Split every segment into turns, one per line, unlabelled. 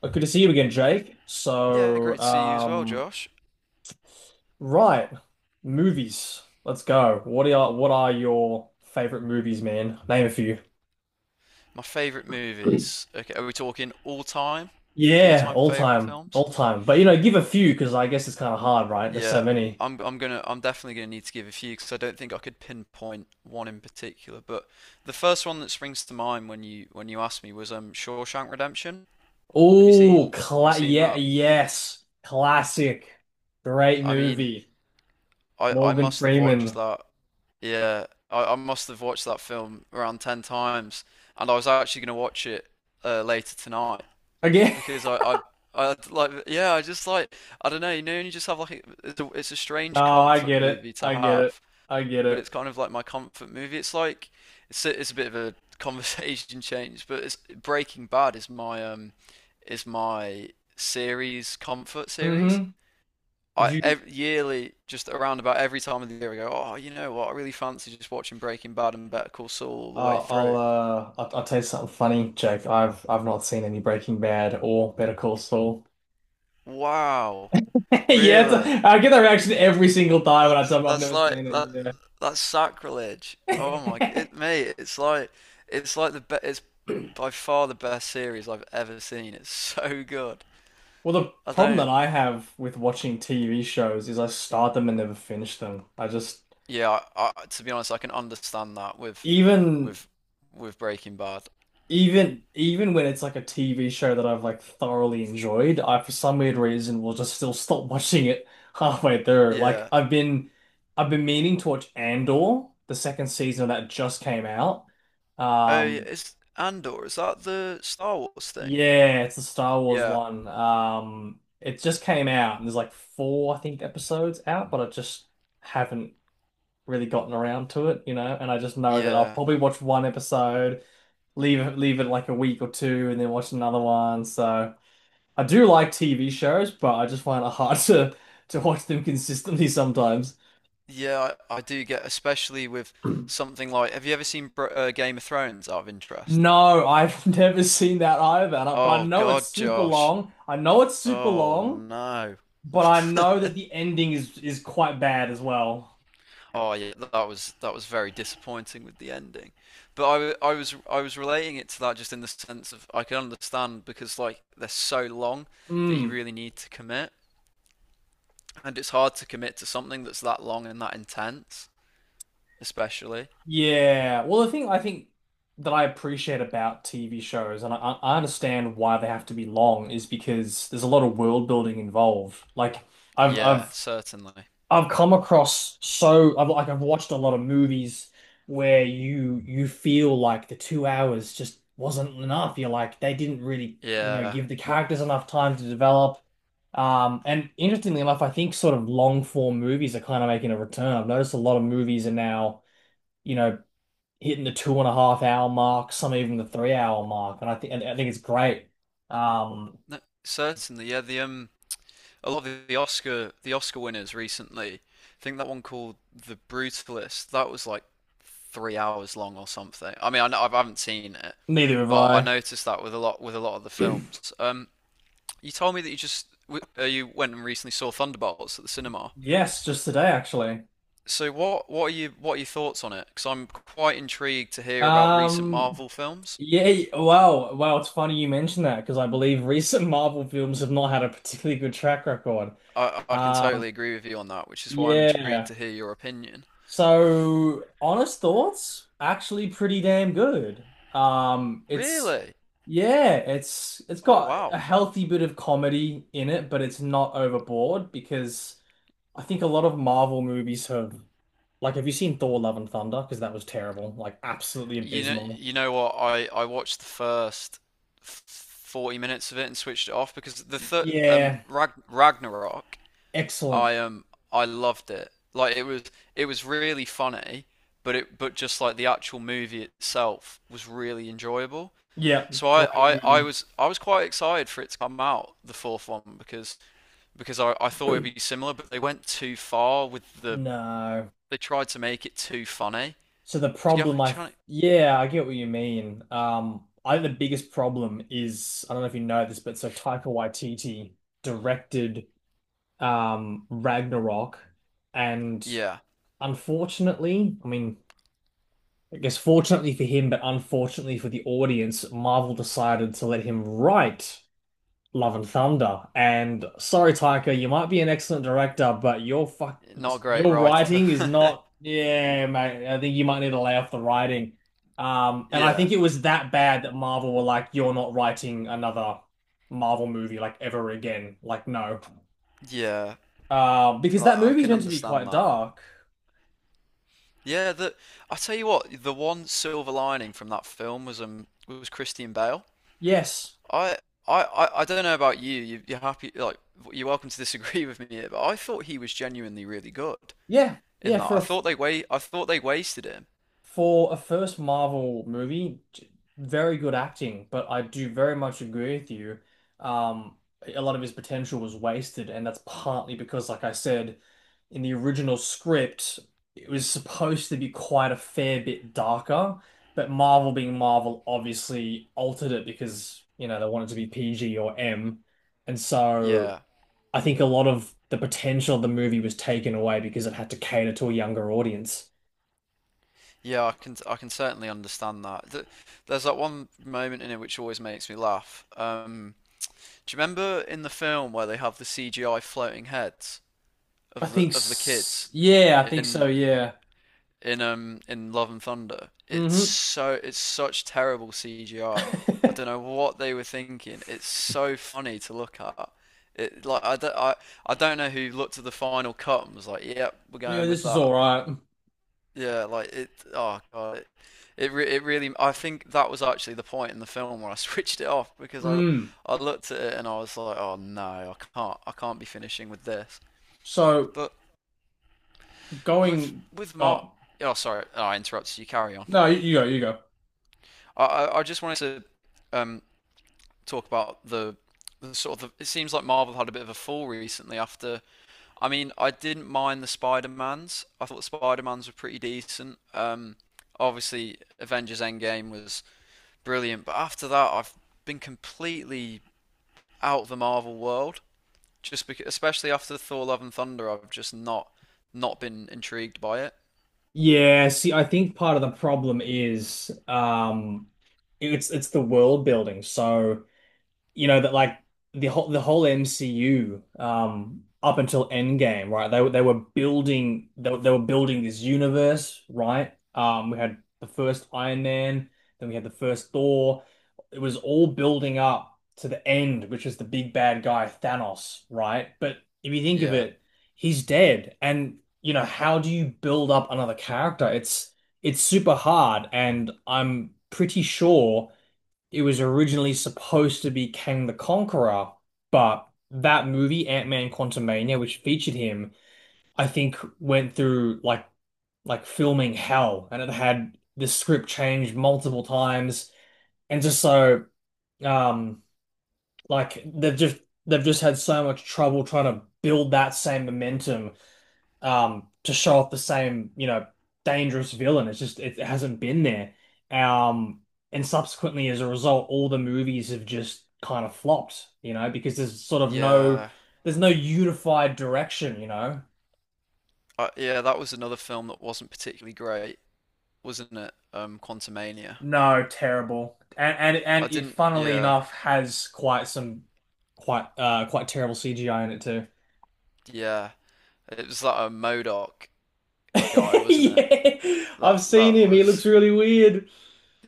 Well, good to see you again, Jake.
Yeah, great to see you as well, Josh.
Right, movies. Let's go. What are your favorite movies, man? Name a few.
My favorite
Good.
movies. Okay, are we talking all time? All
Yeah,
time
all
favorite
time,
films?
all time. But you know, give a few because I guess it's kind of hard, right? There's so
Yeah,
many.
I'm definitely gonna need to give a few because I don't think I could pinpoint one in particular. But the first one that springs to mind when you asked me was Shawshank Redemption. Have you
Oh,
seen have you
cla
seen
yeah,
that?
yes, classic, great
I mean,
movie.
I
Morgan
must have watched
Freeman
that. Yeah, I must have watched that film around ten times, and I was actually gonna watch it later tonight,
again.
because I just like, I don't know, and you just have it's a strange
No, I
comfort
get it.
movie to
I get it.
have,
I get
but
it.
it's kind of like my comfort movie. It's a bit of a conversation change, but it's Breaking Bad is my series comfort series.
Mm-hmm. Would
I
you?
ev Yearly, just around about every time of the year, I go, oh, you know what? I really fancy just watching Breaking Bad and Better Call Saul all the way
Uh, I'll
through.
uh, I'll, I'll tell you something funny, Jake. I've not seen any Breaking Bad or Better Call Saul.
Wow,
Yeah, it's,
really?
a, I get that reaction every single time when I tell them I've
That's
never
like
seen
that
it.
That's sacrilege. Oh my,
Yeah.
it mate, it's by far the best series I've ever seen. It's so good.
Well, the
I
problem
don't,
that I have with watching TV shows is I start them and never finish them. I just
yeah, to be honest, I can understand that
even
with with Breaking Bad.
Even even when it's like a TV show that I've thoroughly enjoyed, I for some weird reason will just still stop watching it halfway through. Like
Yeah.
I've been I've been meaning to watch Andor, the second season that just came out.
Oh, yeah,
Um
it's Andor. Is that the Star Wars thing?
yeah, it's the Star Wars
Yeah.
one. It just came out and there's like four, I think, episodes out, but I just haven't really gotten around to it, you know, and I just know that I'll
Yeah.
probably watch one episode, leave it like a week or two, and then watch another one. So I do like TV shows, but I just find it hard to watch them consistently sometimes.
Yeah, I do get, especially with something like, have you ever seen Br Game of Thrones out of interest?
No, I've never seen that either, and I- but I
Oh
know it's
God,
super
Josh.
long. I know it's super
Oh
long,
no.
but I know that the ending is quite bad as well.
Oh yeah, that was very disappointing with the ending. But I was relating it to that just in the sense of I can understand because like they're so long that you
Mm.
really need to commit, and it's hard to commit to something that's that long and that intense, especially.
Yeah. Well, the thing I think that I appreciate about TV shows, and I understand why they have to be long, is because there's a lot of world building involved. Like I've
Yeah,
I've
certainly.
I've come across so I've like I've watched a lot of movies where you feel like the two hours just wasn't enough. You're like they didn't really, you know,
Yeah,
give the characters enough time to develop. And interestingly enough, I think sort of long form movies are kind of making a return. I've noticed a lot of movies are now, you know, hitting the two and a half hour mark, some even the three-hour mark, and I think it's great. Um,
no, certainly. Yeah, the a lot of the Oscar winners recently. I think that one called The Brutalist. That was like 3 hours long or something. I mean, I know, I haven't seen it,
Neither have
but I
I.
noticed that with a lot of the films. You told me that you went and recently saw Thunderbolts at the cinema.
Yes, just today actually.
So what are your thoughts on it? Because I'm quite intrigued to hear about recent
Um,
Marvel films.
yeah, wow, wow. It's funny you mentioned that because I believe recent Marvel films have not had a particularly good track record.
I can
Um,
totally agree with you on that, which is why I'm intrigued
yeah.
to hear your opinion.
So, honest thoughts, actually pretty damn good. It's
Really?
Yeah, it's
Oh
got
wow.
a healthy bit of comedy in it, but it's not overboard because I think a lot of Marvel movies have like have you seen Thor: Love and Thunder? Because that was terrible, like absolutely abysmal.
You know what? I watched the first 40 minutes of it and switched it off because the third
Yeah,
Ragnarok,
excellent.
I um I loved it. It was really funny, but it but just like the actual movie itself was really enjoyable.
Yeah,
So
great movie.
I was quite excited for it to come out, the fourth one, because I thought it'd be similar, but they went too far with
No.
they tried to make it too funny.
So the
Do you
problem I
trying?
Yeah, I get what you mean. I think the biggest problem is I don't know if you know this, but so Taika Waititi directed Ragnarok and
Yeah.
unfortunately, I mean, I guess fortunately for him, but unfortunately for the audience, Marvel decided to let him write Love and Thunder. And sorry, Taika, you might be an excellent director, but
Not a great
your
writer.
writing is not. Yeah, mate. I think you might need to lay off the writing. And I think
Yeah,
it was that bad that Marvel were like, "You're not writing another Marvel movie like ever again." Like, no,
yeah.
because
Like,
that
I
movie's
can
meant to be
understand
quite
that.
dark.
Yeah, the I tell you what, the one silver lining from that film was Christian Bale.
Yes.
I I don't know about you. You're happy like you're welcome to disagree with me here, but I thought he was genuinely really good
Yeah.
in
Yeah.
that.
For a
I thought they wasted him.
For a first Marvel movie, very good acting, but I do very much agree with you. Um, a lot of his potential was wasted, and that's partly because, like I said, in the original script, it was supposed to be quite a fair bit darker, but Marvel being Marvel obviously altered it because, you know, they wanted to be PG or M. And so
Yeah.
I think a lot of the potential of the movie was taken away because it had to cater to a younger audience.
Yeah, I can certainly understand that. There's that one moment in it which always makes me laugh. Do you remember in the film where they have the CGI floating heads
I
of the
think,
of the
s
kids
Yeah, I think so.
in
Yeah.
in Love and Thunder?
hmm
It's such terrible CGI. I don't know what they were thinking. It's so funny to look at. It like I don't know who looked at the final cut and was like, "Yep, we're
Yeah,
going with
this is all
that."
right.
Yeah, like it. Oh god, it really. I think that was actually the point in the film where I switched it off because
Mm.
I looked at it and I was like, oh no, I can't be finishing with this.
So
But with
going
with Mark,
up.
oh sorry, oh, I interrupted you. Carry on.
No, you go. You go.
I just wanted to talk about the sort of the, it seems like Marvel had a bit of a fall recently after. I mean, I didn't mind the Spider-Mans. I thought the Spider-Mans were pretty decent. Obviously, Avengers Endgame was brilliant. But after that, I've been completely out of the Marvel world. Just because, especially after Thor: Love and Thunder, I've just not not been intrigued by it.
Yeah, see, I think part of the problem is it's the world building. So you know that like the whole MCU up until Endgame, right? They were building this universe, right? We had the first Iron Man, then we had the first Thor. It was all building up to the end, which is the big bad guy Thanos, right? But if you think of
Yeah,
it, he's dead, and you know how do you build up another character? It's super hard, and I'm pretty sure it was originally supposed to be Kang the Conqueror, but that movie, Ant-Man Quantumania, which featured him, I think went through like filming hell and it had the script changed multiple times and just so um like they've just had so much trouble trying to build that same momentum to show off the same, you know, dangerous villain. It hasn't been there. Um and subsequently as a result, all the movies have just kind of flopped, you know, because there's sort of no
yeah,
there's no unified direction, you know.
yeah. That was another film that wasn't particularly great, wasn't it? Quantumania.
No, terrible. And and
I
and it
didn't.
funnily
Yeah,
enough has quite some quite quite terrible CGI in it too.
yeah. It was that a Modoc guy, wasn't it?
Yeah.
That
I've seen
that
him. He
was.
looks really weird.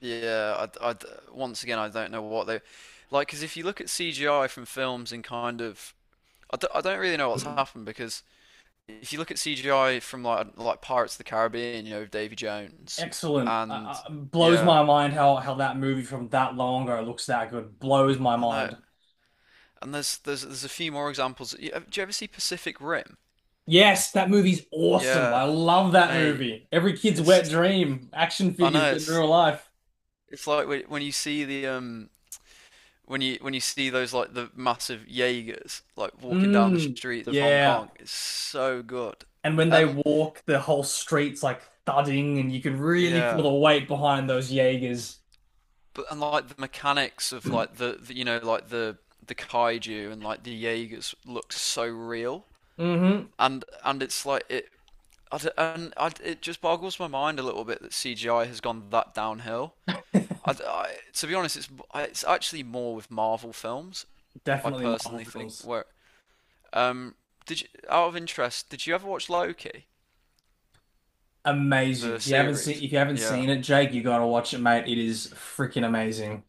Yeah. Once again, I don't know what they like. Because if you look at CGI from films in I don't really know what's happened because if you look at CGI from like Pirates of the Caribbean, you know Davy Jones,
Excellent.
and
Blows
yeah,
my mind how that movie from that long ago looks that good. Blows my
I know.
mind.
And there's a few more examples. Do you ever see Pacific Rim?
Yes, that movie's awesome.
Yeah,
I love that
mate.
movie. Every kid's wet
It's
dream. Action
I
figures,
know
but in
it's
real life.
it's like when you see the when you see those like the massive Jaegers like walking down the
Mm,
streets of Hong Kong.
yeah.
It's so good.
And when they
And
walk, the whole street's like thudding, and you can really feel the
yeah,
weight behind those Jaegers.
but and like the mechanics of like the, you know, like the kaiju and like the Jaegers look so real,
Mm-hmm.
and it's like it. I d and I, It just boggles my mind a little bit that CGI has gone that downhill. To be honest, it's actually more with Marvel films. I
Definitely Marvel
personally think
films.
where um did you, out of interest, did you ever watch Loki
Amazing.
the
If you haven't seen
series?
if you haven't
Yeah,
seen it, Jake, you gotta watch it, mate. It is freaking amazing.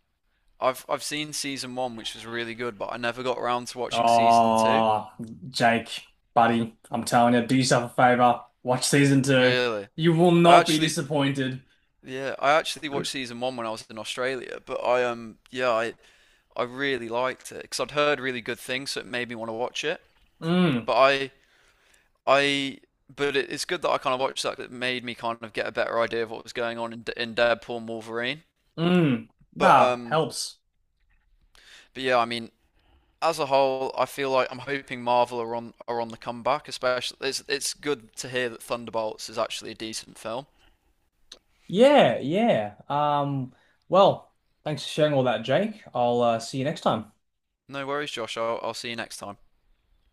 I've seen season one which was really good, but I never got around to watching season two.
Oh, Jake, buddy, I'm telling you, do yourself a favor. Watch season 2.
Really,
You will
I
not be
actually—
disappointed.
yeah, I actually watched season one when I was in Australia, but I yeah, I really liked it because I'd heard really good things, so it made me want to watch it.
Mm,
But I but it, it's good that I kind of watched that, 'cause it made me kind of get a better idea of what was going on in in Deadpool and Wolverine.
mm.
But
Nah,
um
helps.
but yeah, I mean, as a whole, I feel like I'm hoping Marvel are on the comeback. Especially it's good to hear that Thunderbolts is actually a decent film.
Yeah, yeah. Well, thanks for sharing all that, Jake. I'll see you next time.
No worries, Josh. I'll see you next time.